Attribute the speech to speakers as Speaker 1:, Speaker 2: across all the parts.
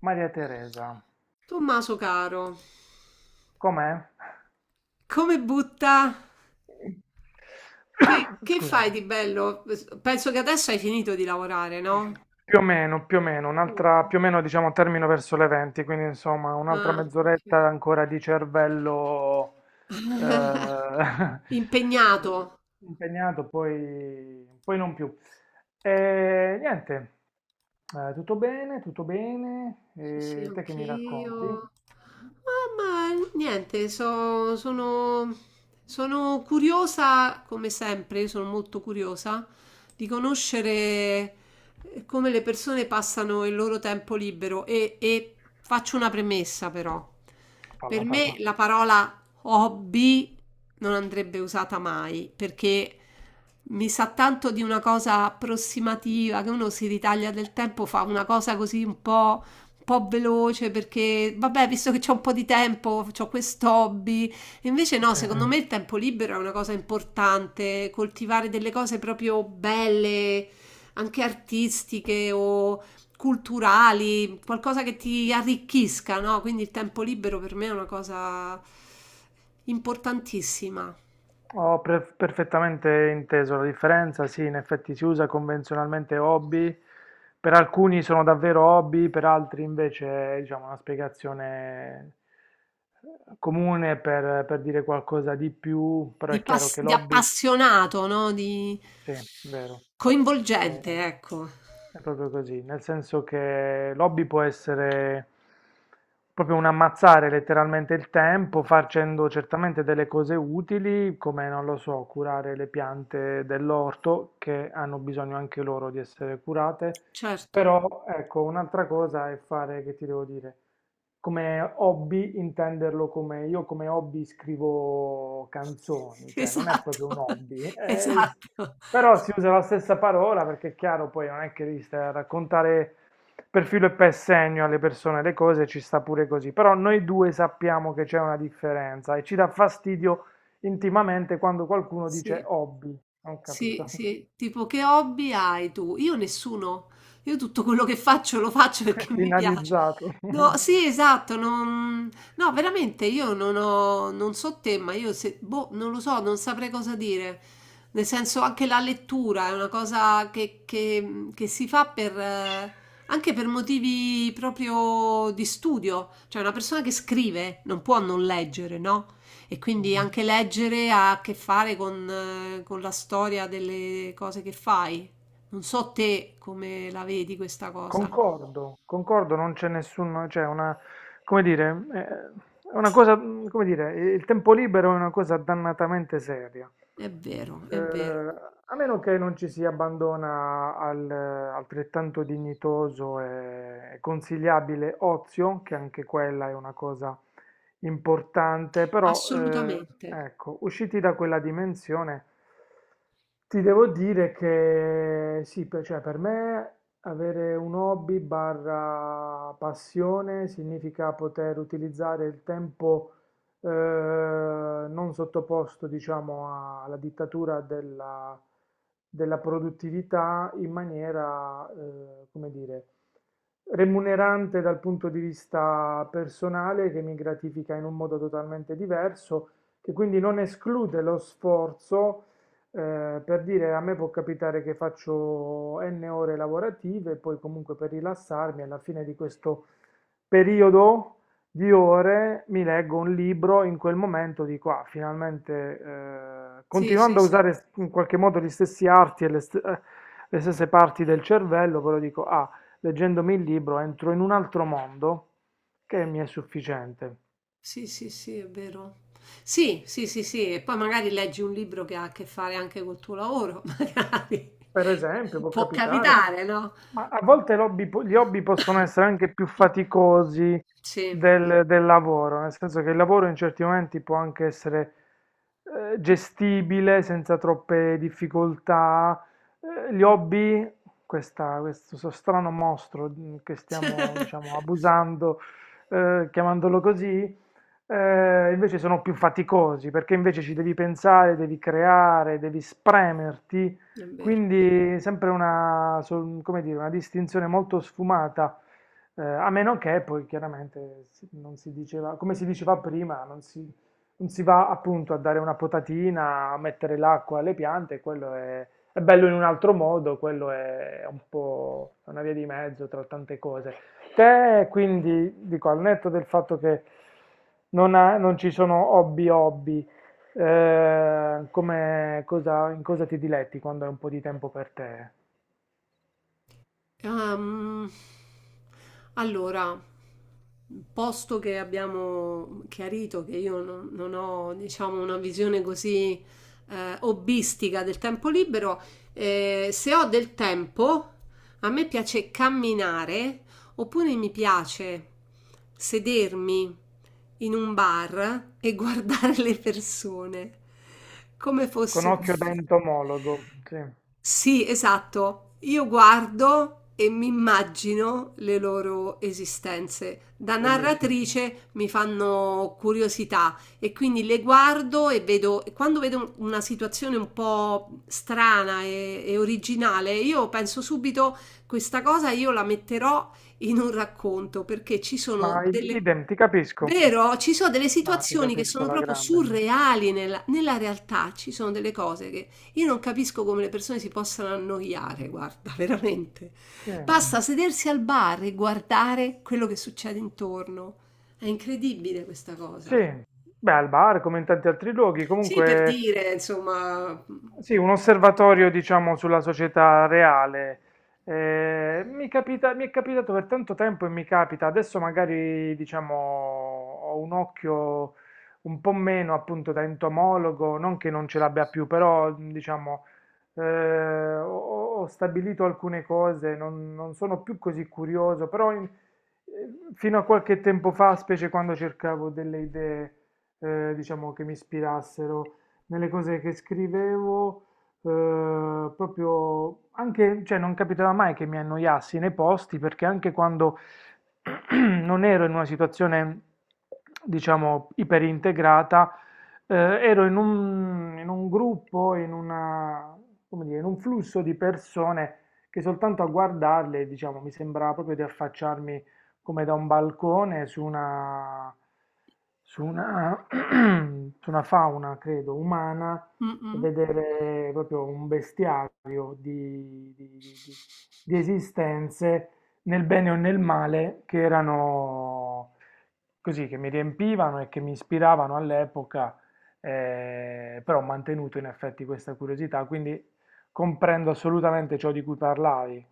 Speaker 1: Maria Teresa,
Speaker 2: Tommaso caro,
Speaker 1: com'è?
Speaker 2: come butta? Che, che
Speaker 1: Scusami.
Speaker 2: fai di bello? Penso che adesso hai finito di lavorare, no?
Speaker 1: Più o meno, più o meno,
Speaker 2: Ok.
Speaker 1: più o meno diciamo termino verso le 20, quindi insomma un'altra
Speaker 2: Ah, ok.
Speaker 1: mezz'oretta ancora di cervello eh,
Speaker 2: Impegnato.
Speaker 1: impegnato, poi non più. E niente, tutto bene,
Speaker 2: Sì, sì,
Speaker 1: e te che mi racconti?
Speaker 2: anch'io. Ah, ma niente, sono, sono curiosa, come sempre, io sono molto curiosa di conoscere come le persone passano il loro tempo libero e faccio una premessa però. Per
Speaker 1: Falla,
Speaker 2: me
Speaker 1: falla.
Speaker 2: la parola hobby non andrebbe usata mai perché mi sa tanto di una cosa approssimativa che uno si ritaglia del tempo, fa una cosa così un po' veloce perché, vabbè, visto che c'ho un po' di tempo, ho quest'hobby. Invece no,
Speaker 1: Sì.
Speaker 2: secondo me il tempo libero è una cosa importante, coltivare delle cose proprio belle, anche artistiche o culturali, qualcosa che ti arricchisca, no? Quindi il tempo libero per me è una cosa importantissima,
Speaker 1: Ho perfettamente inteso la differenza, sì, in effetti si usa convenzionalmente hobby, per alcuni sono davvero hobby, per altri invece è, diciamo, una spiegazione comune per dire qualcosa di più, però
Speaker 2: di,
Speaker 1: è chiaro che
Speaker 2: di
Speaker 1: l'hobby.
Speaker 2: appassionato, no? Di
Speaker 1: Sì, vero.
Speaker 2: coinvolgente,
Speaker 1: Eh,
Speaker 2: ecco.
Speaker 1: è proprio così, nel senso che l'hobby può essere proprio un ammazzare letteralmente il tempo facendo certamente delle cose utili, come non lo so, curare le piante dell'orto che hanno bisogno anche loro di essere curate,
Speaker 2: Certo.
Speaker 1: però ecco, un'altra cosa è fare, che ti devo dire, come hobby intenderlo come io come hobby scrivo canzoni, cioè non è
Speaker 2: Esatto,
Speaker 1: proprio un hobby, è
Speaker 2: esatto.
Speaker 1: però si usa la stessa parola perché è chiaro, poi non è che devi stare a raccontare per filo e per segno alle persone le cose, ci sta pure così. Però noi due sappiamo che c'è una differenza e ci dà fastidio intimamente quando qualcuno dice
Speaker 2: Sì,
Speaker 1: hobby. Non
Speaker 2: sì,
Speaker 1: capito.
Speaker 2: sì. Tipo: "Che hobby hai tu?" Io nessuno. Io tutto quello che faccio lo faccio perché mi piace.
Speaker 1: Finalizzato.
Speaker 2: No, sì, esatto, non no, veramente io non ho non so te, ma io se boh, non lo so, non saprei cosa dire. Nel senso anche la lettura è una cosa che che si fa per anche per motivi proprio di studio. Cioè una persona che scrive non può non leggere, no? E quindi anche leggere ha a che fare con la storia delle cose che fai. Non so te come la vedi questa cosa.
Speaker 1: Concordo, concordo, non c'è nessuno, cioè una, come dire, è una cosa, come dire, il tempo libero è una cosa dannatamente seria. Eh,
Speaker 2: È vero,
Speaker 1: a meno che non ci si abbandona al altrettanto dignitoso e consigliabile ozio, che anche quella è una cosa importante, però
Speaker 2: assolutamente.
Speaker 1: ecco, usciti da quella dimensione ti devo dire che sì, per, cioè, per me avere un hobby barra passione significa poter utilizzare il tempo non sottoposto, diciamo, alla dittatura della produttività in maniera, come dire, remunerante dal punto di vista personale, che mi gratifica in un modo totalmente diverso, che quindi non esclude lo sforzo, per dire a me può capitare che faccio N ore lavorative, poi comunque per rilassarmi alla fine di questo periodo di ore mi leggo un libro, in quel momento dico, ah, finalmente,
Speaker 2: Sì, sì,
Speaker 1: continuando a
Speaker 2: sì,
Speaker 1: usare in qualche modo gli stessi arti e le, le stesse parti del cervello, però dico, ah, leggendomi il libro entro in un altro mondo che mi è sufficiente.
Speaker 2: sì, sì, sì, è vero. Sì, sì, sì, sì, e poi magari leggi un libro che ha a che fare anche col tuo lavoro, magari.
Speaker 1: Per esempio, può
Speaker 2: Può
Speaker 1: capitare.
Speaker 2: capitare, no?
Speaker 1: Ma a volte l'hobby gli hobby possono essere anche più faticosi
Speaker 2: Sì.
Speaker 1: del lavoro, nel senso che il lavoro in certi momenti può anche essere gestibile senza troppe difficoltà. Gli hobby, questo strano mostro che stiamo, diciamo, abusando, chiamandolo così, invece sono più faticosi perché invece ci devi pensare, devi creare, devi spremerti
Speaker 2: È vero.
Speaker 1: quindi sempre una, come dire, una distinzione molto sfumata, a meno che poi chiaramente non si diceva, come si diceva prima, non si va appunto a dare una potatina, a mettere l'acqua alle piante, quello è bello in un altro modo, quello è un po' una via di mezzo tra tante cose. Te quindi, dico, al netto del fatto che non ci sono hobby hobby, come cosa, in cosa ti diletti quando hai un po' di tempo per te?
Speaker 2: Ehm, allora, posto che abbiamo chiarito che io non, non ho, diciamo, una visione così hobbistica del tempo libero, se ho del tempo, a me piace camminare oppure mi piace sedermi in un bar e guardare le persone come
Speaker 1: Con
Speaker 2: fosse un
Speaker 1: occhio da
Speaker 2: film.
Speaker 1: entomologo, sì,
Speaker 2: Sì, esatto. Io guardo e mi immagino le loro esistenze. Da
Speaker 1: bellissimo.
Speaker 2: narratrice mi fanno curiosità e quindi le guardo e vedo, e quando vedo una situazione un po' strana e originale, io penso subito questa cosa io la metterò in un racconto perché ci
Speaker 1: Ma
Speaker 2: sono delle…
Speaker 1: idem, ti capisco,
Speaker 2: Vero, ci sono delle
Speaker 1: ma ti
Speaker 2: situazioni che
Speaker 1: capisco
Speaker 2: sono
Speaker 1: alla
Speaker 2: proprio
Speaker 1: grande.
Speaker 2: surreali nella, nella realtà, ci sono delle cose che io non capisco come le persone si possano annoiare, guarda, veramente.
Speaker 1: Sì,
Speaker 2: Basta sedersi al bar e guardare quello che succede intorno. È incredibile questa
Speaker 1: sì,
Speaker 2: cosa.
Speaker 1: beh, al bar come in tanti altri luoghi,
Speaker 2: Sì, per
Speaker 1: comunque.
Speaker 2: dire, insomma.
Speaker 1: Sì, un osservatorio, diciamo, sulla società reale. Mi è capitato per tanto tempo e mi capita, adesso magari, diciamo, ho un occhio un po' meno appunto da entomologo, non che non ce l'abbia più, però, diciamo, eh, ho, ho stabilito alcune cose, non sono più così curioso, però fino a qualche tempo fa, specie quando cercavo delle idee, diciamo, che mi ispirassero nelle cose che scrivevo, proprio anche, cioè non capitava mai che mi annoiassi nei posti perché anche quando non ero in una situazione, diciamo, iperintegrata, ero in un, gruppo, in una, come dire, in un flusso di persone che soltanto a guardarle, diciamo, mi sembrava proprio di affacciarmi come da un balcone su una, su una fauna, credo, umana,
Speaker 2: Mm. mm.
Speaker 1: vedere proprio un bestiario di esistenze, nel bene o nel male, che erano così, che mi riempivano e che mi ispiravano all'epoca, però ho mantenuto in effetti questa curiosità, quindi comprendo assolutamente ciò di cui parlavi.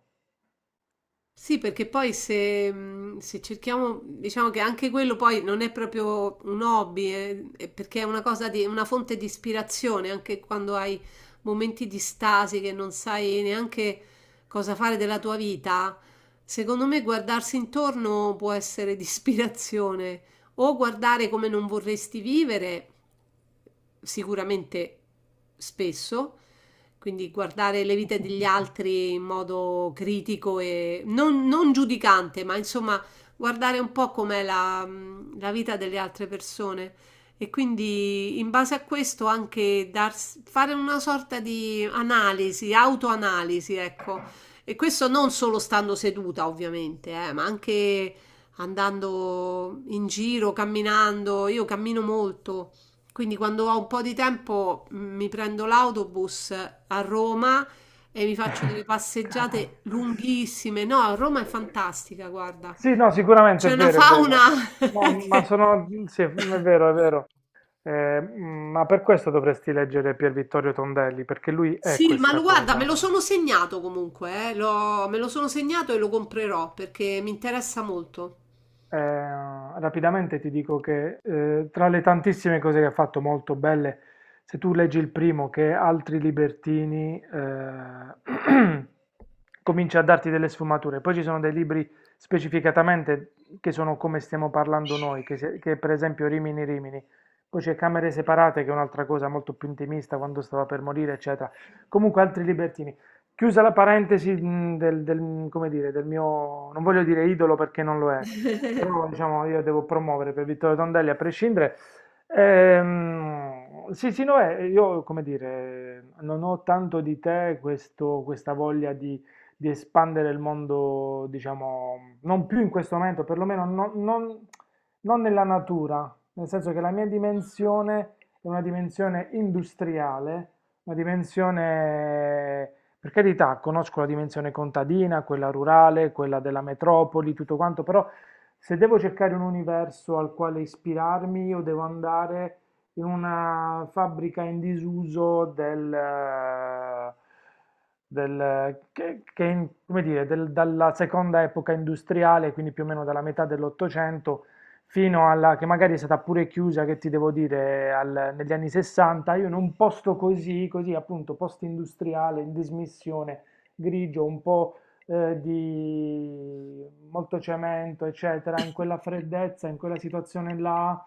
Speaker 2: Sì, perché poi se, se cerchiamo, diciamo che anche quello poi non è proprio un hobby, è perché è una cosa di, una fonte di ispirazione, anche quando hai momenti di stasi che non sai neanche cosa fare della tua vita, secondo me guardarsi intorno può essere di ispirazione o guardare come non vorresti vivere, sicuramente spesso, quindi guardare le vite degli altri in modo critico e non, non giudicante, ma insomma guardare un po' com'è la, la vita delle altre persone e quindi in base a questo anche fare una sorta di analisi, autoanalisi, ecco. E questo non solo stando seduta, ovviamente, ma anche andando in giro, camminando. Io cammino molto, quindi quando ho un po' di tempo mi prendo l'autobus a Roma e mi faccio delle
Speaker 1: Cazzo.
Speaker 2: passeggiate lunghissime. No, Roma è fantastica, guarda.
Speaker 1: Sì, no, sicuramente è
Speaker 2: C'è una
Speaker 1: vero, è vero.
Speaker 2: fauna
Speaker 1: No, ma
Speaker 2: che-
Speaker 1: sono... Sì, è vero, è vero. Ma per questo dovresti leggere Pier Vittorio Tondelli, perché lui è
Speaker 2: Sì, ma
Speaker 1: questa
Speaker 2: lo guarda, me
Speaker 1: cosa.
Speaker 2: lo sono segnato comunque, me lo sono segnato e lo comprerò perché mi interessa molto.
Speaker 1: Rapidamente ti dico che tra le tantissime cose che ha fatto molto belle, se tu leggi il primo che è Altri Libertini, comincia a darti delle sfumature. Poi ci sono dei libri specificatamente che sono come stiamo parlando noi, che, che per esempio Rimini Rimini. Poi c'è Camere Separate, che è un'altra cosa molto più intimista, quando stava per morire, eccetera. Comunque, Altri Libertini. Chiusa la parentesi come dire, del mio, non voglio dire idolo perché non lo è, però diciamo io devo promuovere per Vittorio Tondelli a prescindere. Sì, sì, no, io come dire, non ho tanto di te questa voglia di espandere il mondo, diciamo, non più in questo momento, perlomeno non nella natura, nel senso che la mia dimensione è una dimensione industriale, una dimensione... Per carità, conosco la dimensione contadina, quella rurale, quella della metropoli, tutto quanto, però se devo cercare un universo al quale ispirarmi, io devo andare in una fabbrica in disuso che come dire, dalla seconda epoca industriale, quindi più o meno dalla metà dell'Ottocento, fino alla che magari è stata pure chiusa, che ti devo dire, negli anni 60, io in un posto così, così appunto post-industriale, in dismissione, grigio, un po' di molto cemento, eccetera, in quella freddezza, in quella situazione là,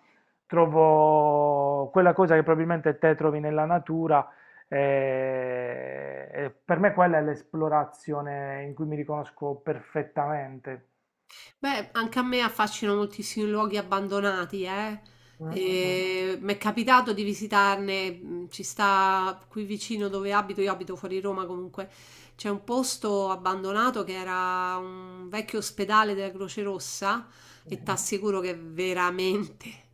Speaker 1: trovo quella cosa che probabilmente te trovi nella natura. E per me quella è l'esplorazione in cui mi riconosco perfettamente.
Speaker 2: Beh, anche a me affascinano moltissimi luoghi abbandonati, eh.
Speaker 1: Mm, mm,
Speaker 2: E mi è capitato di visitarne, ci sta qui vicino dove abito, io abito fuori Roma comunque, c'è un posto abbandonato che era un vecchio ospedale della Croce Rossa e
Speaker 1: mm.
Speaker 2: ti assicuro che è veramente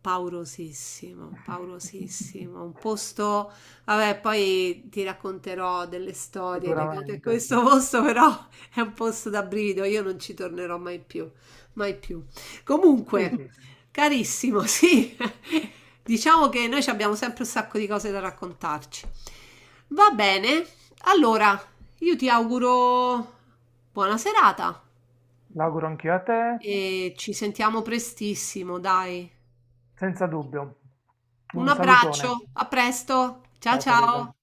Speaker 2: paurosissimo, paurosissimo. Un posto, vabbè, poi ti racconterò delle storie legate a
Speaker 1: Sicuramente.
Speaker 2: questo posto, però è un posto da brivido, io non ci tornerò mai più, mai più. Comunque,
Speaker 1: Ficus,
Speaker 2: carissimo, sì, diciamo che noi ci abbiamo sempre un sacco di cose da raccontarci. Va bene, allora io ti auguro buona serata
Speaker 1: l'auguro anch'io a te,
Speaker 2: e ci sentiamo prestissimo, dai.
Speaker 1: senza dubbio.
Speaker 2: Un
Speaker 1: Un salutone.
Speaker 2: abbraccio, a presto, ciao
Speaker 1: Ciao Teresa.
Speaker 2: ciao.